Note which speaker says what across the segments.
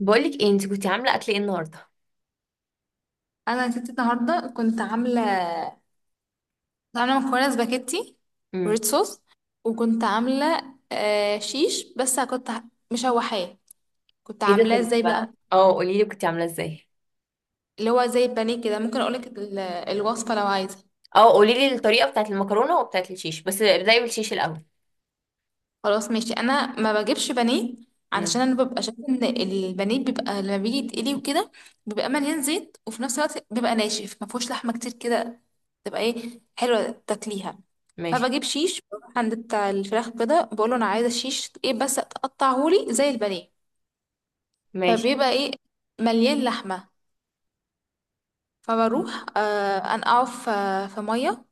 Speaker 1: بقولك ايه؟ انت كنتي عامله اكل ايه النهارده؟
Speaker 2: انا يا ستي النهارده كنت عامله مكرونه سباكيتي
Speaker 1: امم
Speaker 2: وريد صوص. وكنت عامله شيش، بس كنت مشوحاه. كنت
Speaker 1: ايه ده؟
Speaker 2: عاملاه
Speaker 1: طب
Speaker 2: ازاي بقى؟
Speaker 1: اه، قولي لي كنتي عامله ازاي.
Speaker 2: اللي هو زي البانيه كده. ممكن اقولك الوصفه لو عايزه.
Speaker 1: اه قولي لي الطريقه بتاعت المكرونه وبتاعت الشيش، بس ابدأي بالشيش الاول.
Speaker 2: خلاص ماشي، انا ما بجيبش بانيه، علشان
Speaker 1: امم
Speaker 2: انا ببقى شايفه ان البانيه بيبقى لما بيجي يتقلي وكده بيبقى مليان زيت، وفي نفس الوقت بيبقى ناشف ما فيهوش لحمه كتير كده تبقى ايه حلوه تاكليها.
Speaker 1: ماشي.
Speaker 2: فبجيب شيش، بروح عند بتاع الفراخ كده بقول له انا عايزه شيش ايه بس تقطعهولي زي البانيه.
Speaker 1: ماشي.
Speaker 2: فبيبقى ايه، مليان لحمه. فبروح انقعه في ميه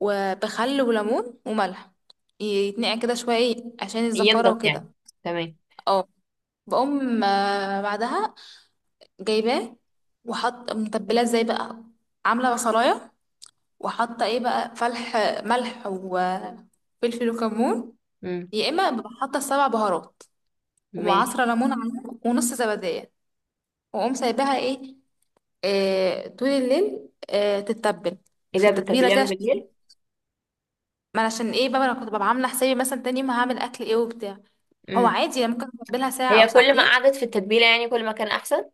Speaker 2: وبخل وليمون وملح، يتنقع كده شويه إيه عشان الزفاره
Speaker 1: ينضف يعني.
Speaker 2: وكده.
Speaker 1: تمام.
Speaker 2: آه. بقوم بعدها جايباه وحط متبلاه ازاي بقى. عامله بصلايه، وحاطه ايه بقى، فلح، ملح وفلفل وكمون.
Speaker 1: امم
Speaker 2: يا اما ببقى حاطه 7 بهارات،
Speaker 1: ماشي.
Speaker 2: ومعصره ليمون عليها ونص زبديه. واقوم سايباها ايه طول الليل تتبل
Speaker 1: ايه
Speaker 2: في
Speaker 1: ده؟
Speaker 2: التتبيله
Speaker 1: بتتبليها
Speaker 2: كده
Speaker 1: من بالليل؟
Speaker 2: ما أنا عشان ايه بقى انا كنت ببقى عامله حسابي مثلا تاني يوم هعمل اكل ايه وبتاع. هو
Speaker 1: امم
Speaker 2: عادي، أنا ممكن اتبلها ساعه او
Speaker 1: هي كل ما
Speaker 2: ساعتين.
Speaker 1: قعدت في التتبيله يعني كل ما كان احسن.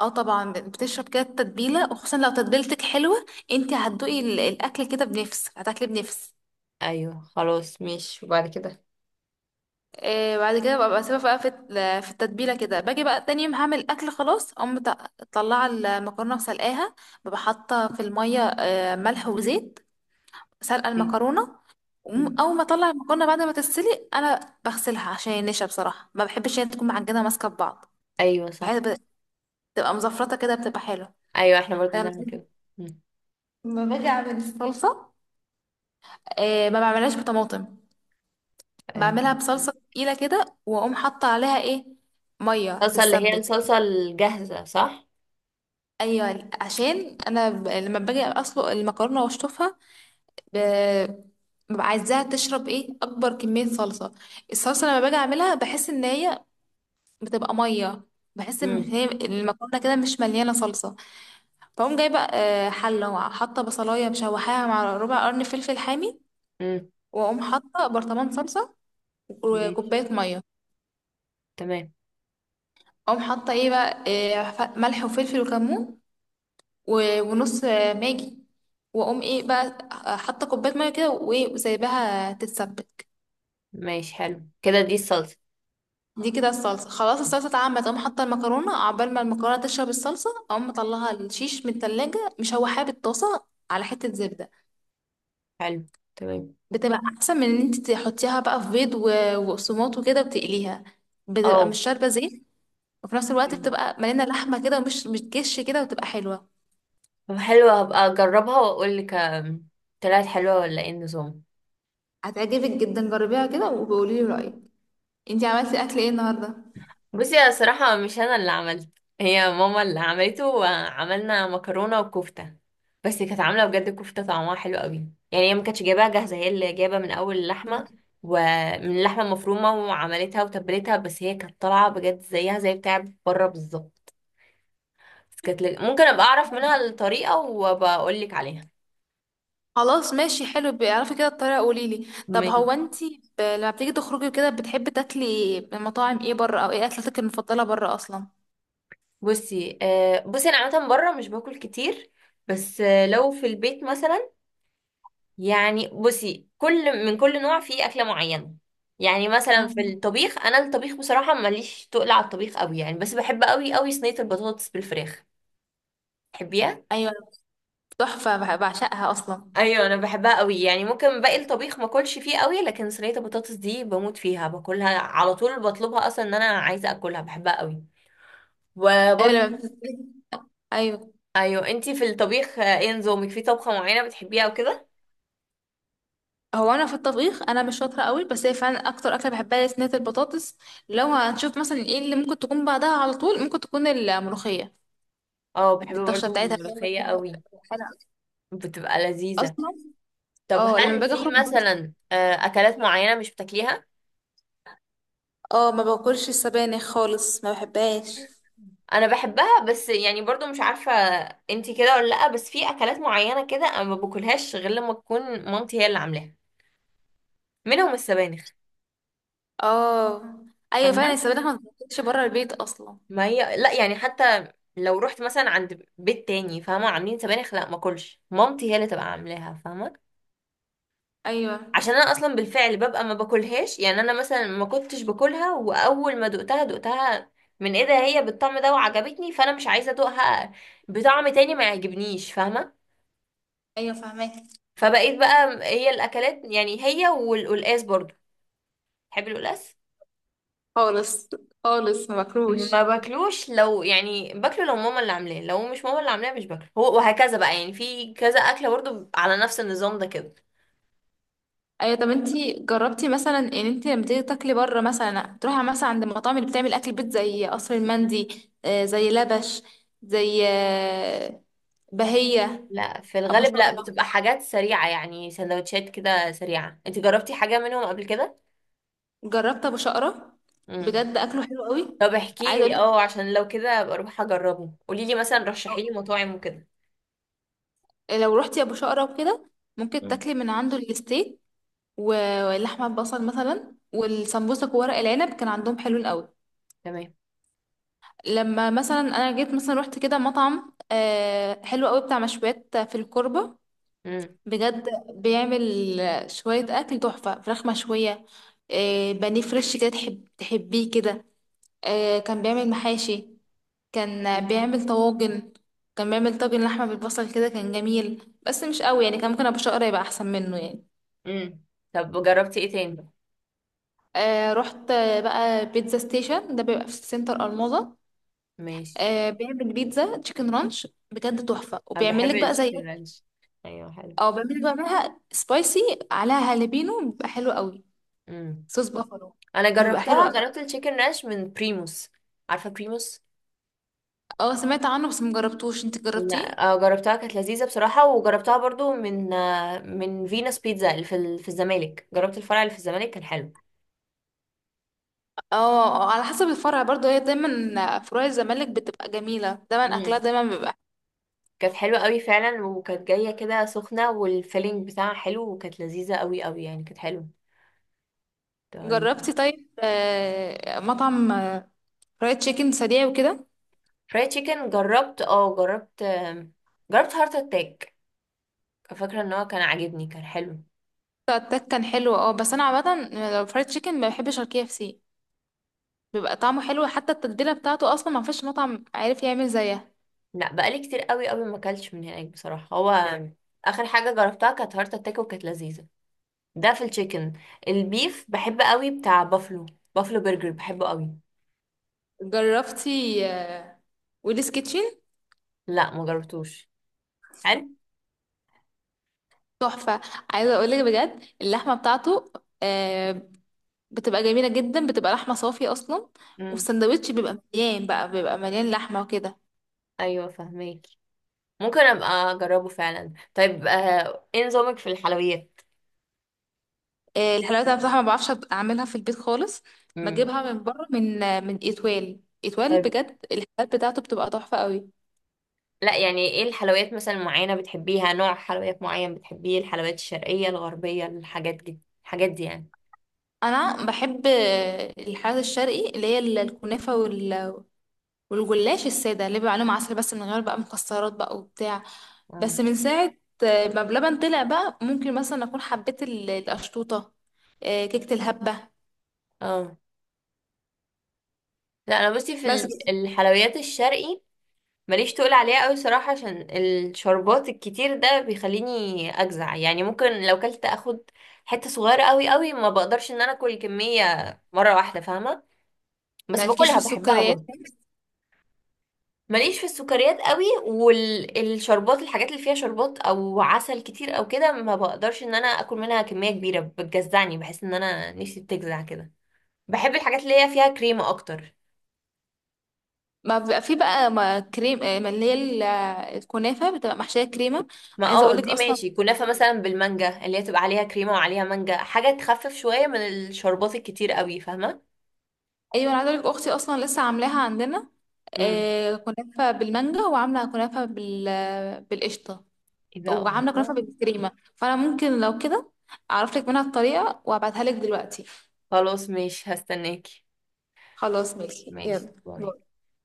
Speaker 2: اه، طبعا بتشرب كده التتبيله، وخصوصا لو تتبيلتك حلوه انت هتدوقي الاكل كده بنفس، هتاكلي بنفس.
Speaker 1: ايوه خلاص ماشي، وبعد كده؟
Speaker 2: بعد كده ببقى سيبها بقى في التتبيله كده، باجي بقى تاني يوم هعمل اكل، خلاص اقوم مطلعه المكرونه وسلقاها. ببقى حاطه في الميه ملح وزيت. سلقه
Speaker 1: إيه؟
Speaker 2: المكرونه.
Speaker 1: مم.
Speaker 2: اول ما اطلع المكرونه بعد ما تتسلق انا بغسلها عشان النشا، بصراحه ما بحبش هي تكون معجنه ماسكه في بعض.
Speaker 1: ايوه
Speaker 2: بحيث
Speaker 1: صح.
Speaker 2: بتبقى مزفرطه كده، بتبقى حلوه.
Speaker 1: ايوه احنا برضو
Speaker 2: لما
Speaker 1: بنعمل كده. مم.
Speaker 2: باجي اعمل الصلصه، ما بعملهاش بطماطم،
Speaker 1: آه.
Speaker 2: بعملها بصلصة تقيلة كده، وأقوم حاطة عليها ايه، مية
Speaker 1: الصلصه اللي هي
Speaker 2: تتسبك.
Speaker 1: الصلصه الجاهزه صح؟
Speaker 2: أيوة، عشان أنا لما باجي أسلق المكرونة وأشطفها، ب- ببقى عايزاها تشرب ايه أكبر كمية صلصة. الصلصة لما باجي أعملها بحس إن هي بتبقى مية، بحس إن
Speaker 1: امم
Speaker 2: هي المكرونة كده مش مليانة صلصة. فأقوم جايبة حلة، وحاطة بصلاية مشوحاها مع ربع قرن فلفل حامي.
Speaker 1: امم
Speaker 2: وأقوم حاطة برطمان صلصة
Speaker 1: ماشي.
Speaker 2: وكوباية مية.
Speaker 1: تمام.
Speaker 2: أقوم حاطة ايه بقى، إيه، ملح وفلفل وكمون ونص ماجي. واقوم ايه بقى حاطه كوبايه ميه كده، وايه، وسايباها تتسبك.
Speaker 1: ماشي، حلو كده دي الصلصة.
Speaker 2: دي كده الصلصه، خلاص الصلصه اتعملت، اقوم حاطه المكرونه عقبال ما المكرونه تشرب الصلصه. اقوم مطلعها الشيش من التلاجة، مشوحاها بالطاسه على حته زبده.
Speaker 1: حلو. تمام.
Speaker 2: بتبقى احسن من ان انت تحطيها بقى في بيض وقسماط وكده وتقليها، بتبقى
Speaker 1: اه
Speaker 2: مش شاربه زيت، وفي نفس الوقت بتبقى مليانه لحمه كده ومش بتكش كده وتبقى حلوه.
Speaker 1: طب حلوة، هبقى اجربها واقول لك. طلعت حلوة ولا ايه النظام؟
Speaker 2: هتعجبك جدا، جربيها كده وبقولي لي رايك. انتي عملتي اكل ايه النهارده؟
Speaker 1: بصي انا صراحة مش انا اللي عملت. هي ماما اللي عملته، وعملنا مكرونة وكفتة. بس كانت عاملة بجد كفتة طعمها حلو قوي. يعني هي ما كانتش جايباها جاهزة، هي اللي جايبة من اول اللحمة، ومن اللحمة المفرومة وعملتها وتبلتها. بس هي كانت طالعة بجد زيها زي بتاع بره بالظبط. بس كانت لذ- ممكن ابقى اعرف منها الطريقة وبقول لك عليها.
Speaker 2: خلاص ماشي، حلو، بيعرفي كده الطريقة قوليلي. طب هو انتي لما بتيجي تخرجي كده بتحبي تاكلي من مطاعم ايه بره؟ او ايه اكلتك المفضلة بره اصلا؟
Speaker 1: بصي آه، بصي انا عامه بره مش باكل كتير. بس آه لو في البيت مثلا، يعني بصي كل من كل نوع فيه اكله معينه. يعني مثلا في
Speaker 2: مم.
Speaker 1: الطبيخ، انا الطبيخ بصراحه ماليش تقل على الطبيخ قوي يعني، بس بحب قوي قوي صينيه البطاطس بالفراخ. تحبيها؟
Speaker 2: ايوه، تحفة، بعشقها اصلا.
Speaker 1: ايوه انا بحبها قوي. يعني ممكن باقي الطبيخ ما اكلش فيه قوي، لكن صينيه البطاطس دي بموت فيها، باكلها على طول، بطلبها اصلا ان انا عايزه اكلها، بحبها قوي.
Speaker 2: ايوه
Speaker 1: وبرضه
Speaker 2: ايوه.
Speaker 1: ايوه، انتي في الطبيخ ايه نظامك؟ في طبخه معينه بتحبيها وكده؟
Speaker 2: هو انا في الطبيخ انا مش شاطرة قوي، بس هي فعلا اكتر اكلة بحبها هي صينية البطاطس. لو هنشوف مثلا ايه اللي ممكن تكون بعدها على طول، ممكن تكون الملوخية
Speaker 1: اه بحب
Speaker 2: بالطشة
Speaker 1: برضو
Speaker 2: بتاعتها
Speaker 1: الملوخية قوي. بتبقى لذيذة.
Speaker 2: اصلا.
Speaker 1: طب
Speaker 2: اه، لما
Speaker 1: هل
Speaker 2: باجي
Speaker 1: في
Speaker 2: اخرج بره،
Speaker 1: مثلا أكلات معينة مش بتاكليها؟
Speaker 2: اه ما باكلش السبانخ خالص، ما بحبهاش.
Speaker 1: أنا بحبها بس يعني برضو مش عارفة. انتي كده ولا لأ؟ بس في أكلات معينة كده أنا ما باكلهاش غير لما تكون مامتي هي اللي عاملاها. منهم السبانخ.
Speaker 2: اه، ايوه فعلا،
Speaker 1: فاهمة؟
Speaker 2: السبانخ ما بتاكلش بره البيت اصلا.
Speaker 1: ما هي لأ، يعني حتى لو رحت مثلا عند بيت تاني فاهمة عاملين سبانخ، لأ ما اكلش. مامتي هي اللي تبقى عاملاها. فاهمة؟
Speaker 2: ايوه.
Speaker 1: عشان انا اصلا بالفعل ببقى ما باكلهاش. يعني انا مثلا ما كنتش باكلها، واول ما دقتها دقتها من ايه ده، هي بالطعم ده وعجبتني، فانا مش عايزه ادوقها بطعم تاني ما يعجبنيش. فاهمه؟
Speaker 2: ايوه فاهمك.
Speaker 1: فبقيت بقى هي الاكلات، يعني هي والقلقاس برضو. تحب القلقاس؟
Speaker 2: خالص، خالص ما باكلوش.
Speaker 1: ما باكلوش. لو يعني باكله، لو ماما اللي عاملاه. لو مش ماما اللي عاملاه مش باكله، هو وهكذا بقى، يعني في كذا اكله برضو على نفس النظام ده كده.
Speaker 2: ايوه، طب انتي جربتي مثلا ان انتي لما تيجي تاكلي بره، مثلا تروحي مثلا عند المطاعم اللي بتعمل اكل بيت زي قصر المندي، زي لبش، زي بهية.
Speaker 1: لا في
Speaker 2: ابو
Speaker 1: الغالب لا،
Speaker 2: شقرة،
Speaker 1: بتبقى حاجات سريعه يعني، سندوتشات كده سريعه. انت جربتي حاجه منهم قبل كده؟
Speaker 2: جربت ابو شقرة،
Speaker 1: امم
Speaker 2: بجد اكله حلو قوي.
Speaker 1: طب احكي
Speaker 2: عايزه اقول
Speaker 1: لي،
Speaker 2: لك،
Speaker 1: اه عشان لو كده ابقى اروح اجربه. قولي لي مثلا، رشحي لي مطاعم وكده.
Speaker 2: لو رحتي ابو شقرة وكده ممكن
Speaker 1: مم.
Speaker 2: تاكلي من عنده الستيك ولحمة بصل مثلا، والسمبوسك وورق العنب كان عندهم حلو قوي.
Speaker 1: تمام.
Speaker 2: لما مثلا انا جيت مثلا رحت كده مطعم حلو قوي بتاع مشويات في الكوربة،
Speaker 1: امم
Speaker 2: بجد بيعمل شوية اكل تحفة. فراخ مشوية، بانيه فريش كده تحب تحبيه كده. كان بيعمل محاشي، كان بيعمل طواجن، كان بيعمل طاجن لحمة بالبصل كده، كان جميل بس مش قوي يعني، كان ممكن ابو شقرة يبقى احسن منه يعني.
Speaker 1: امم طب جربتي ايه تاني؟
Speaker 2: رحت بقى بيتزا ستيشن، ده بيبقى في سنتر الماظة.
Speaker 1: ماشي.
Speaker 2: بيعمل بيتزا تشيكن رانش بجد تحفة،
Speaker 1: انا
Speaker 2: وبيعمل
Speaker 1: بحب
Speaker 2: لك بقى زي،
Speaker 1: التشيكن رانش. ايوه حلو.
Speaker 2: او بيعمل لك بقى معاها سبايسي، عليها هالبينو بيبقى حلو قوي.
Speaker 1: امم
Speaker 2: صوص بافالو
Speaker 1: انا
Speaker 2: بيبقى حلو
Speaker 1: جربتها،
Speaker 2: قوي.
Speaker 1: جربت التشيكن رانش من بريموس. عارفه بريموس؟
Speaker 2: اه، سمعت عنه بس مجربتوش، انت جربتيه؟
Speaker 1: لا جربتها كانت لذيذه بصراحه. وجربتها برضو من آه، من فينوس بيتزا اللي في في الزمالك. جربت الفرع اللي في الزمالك كان حلو.
Speaker 2: اه على حسب الفرع برضه، هي دايما فروع الزمالك بتبقى جميلة، دايما اكلها
Speaker 1: مم.
Speaker 2: دايما بيبقى.
Speaker 1: كانت حلوة قوي فعلا، وكانت جاية كده سخنة، والفيلينج بتاعها حلو، وكانت لذيذة قوي قوي، يعني كانت حلوة. طيب.
Speaker 2: جربتي طيب مطعم فرايد تشيكن سريع وكده؟
Speaker 1: فرايد تشيكن جربت اه، جربت جربت هارت اتاك. فاكرة ان هو كان عاجبني، كان حلو.
Speaker 2: التك كان حلو، اه، بس انا عامة لو فرايد تشيكن ما بحبش الـKFC، بيبقى طعمه حلو، حتى التتبيلة بتاعته أصلا ما فيش مطعم عارف يعمل زيها.
Speaker 1: لا بقالي كتير قوي قوي ما اكلتش من هناك بصراحة. هو اخر حاجة جربتها كانت هارت اتاك وكانت لذيذة. ده في التشيكن. البيف بحب قوي بتاع بافلو. بافلو برجر بحبه قوي.
Speaker 2: جربتي ويلز كيتشن؟
Speaker 1: لا ما جربتوش. حلو.
Speaker 2: تحفة، عايزة أقولك بجد اللحمة بتاعته آه، بتبقى جميلة جدا، بتبقى لحمة صافية أصلا.
Speaker 1: امم
Speaker 2: والسندوتش بيبقى مليان بقى، بيبقى مليان لحمة وكده.
Speaker 1: ايوه فهماكي. ممكن ابقى اجربه فعلا. طيب ايه نظامك في الحلويات؟
Speaker 2: الحلاوة أنا بصراحة ما بعرفش أعملها في البيت خالص،
Speaker 1: امم
Speaker 2: بجيبها من بره، من إتوال. إتوال
Speaker 1: طيب.
Speaker 2: بجد الحلويات بتاعته بتبقى تحفة قوي.
Speaker 1: لا يعني ايه الحلويات مثلا معينة بتحبيها؟ نوع حلويات معين بتحبيه؟ الحلويات الشرقية، الغربية، الحاجات دي الحاجات دي يعني.
Speaker 2: أنا بحب الحلويات الشرقي اللي هي الكنافة والجلاش الساده اللي بيبقى عليه عسل بس من غير بقى مكسرات بقى وبتاع.
Speaker 1: مم.
Speaker 2: بس من ساعه ما بلبن طلع بقى ممكن مثلا اكون حبيت القشطوطه، كيكه الهبه.
Speaker 1: اه لا انا بصي في
Speaker 2: بس
Speaker 1: الحلويات الشرقي ماليش تقول عليها قوي صراحة، عشان الشربات الكتير ده بيخليني اجزع. يعني ممكن لو كلت اخد حتة صغيرة قوي قوي، ما بقدرش ان انا اكل كمية مرة واحدة. فاهمة؟ بس
Speaker 2: مالكيش في
Speaker 1: باكلها بحبها
Speaker 2: السكريات،
Speaker 1: برضه. ماليش في السكريات قوي، والشربات الحاجات اللي فيها شربات او عسل كتير او كده ما بقدرش ان انا اكل منها كمية كبيرة، بتجزعني، بحس ان انا نفسي بتجزع كده. بحب الحاجات اللي هي فيها كريمة اكتر.
Speaker 2: ما بيبقى في بقى ما كريم، ما اللي هي الكنافه بتبقى محشيه كريمه.
Speaker 1: ما
Speaker 2: عايزه
Speaker 1: اه
Speaker 2: اقول لك
Speaker 1: دي
Speaker 2: اصلا،
Speaker 1: ماشي، كنافة مثلا بالمانجا اللي هي تبقى عليها كريمة وعليها مانجا، حاجة تخفف شوية من الشربات الكتير قوي. فاهمة؟
Speaker 2: ايوه انا عايزه اقول لك اختي اصلا لسه عاملاها عندنا
Speaker 1: امم
Speaker 2: كنافه بالمانجا، وعامله كنافه بالقشطه،
Speaker 1: ايه ده؟
Speaker 2: وعامله كنافه
Speaker 1: الله.
Speaker 2: بالكريمه. فانا ممكن لو كده اعرف لك منها الطريقه وابعتها لك دلوقتي.
Speaker 1: خلاص ماشي، هستناكي.
Speaker 2: خلاص ماشي،
Speaker 1: ماشي،
Speaker 2: يلا
Speaker 1: باي.
Speaker 2: باي.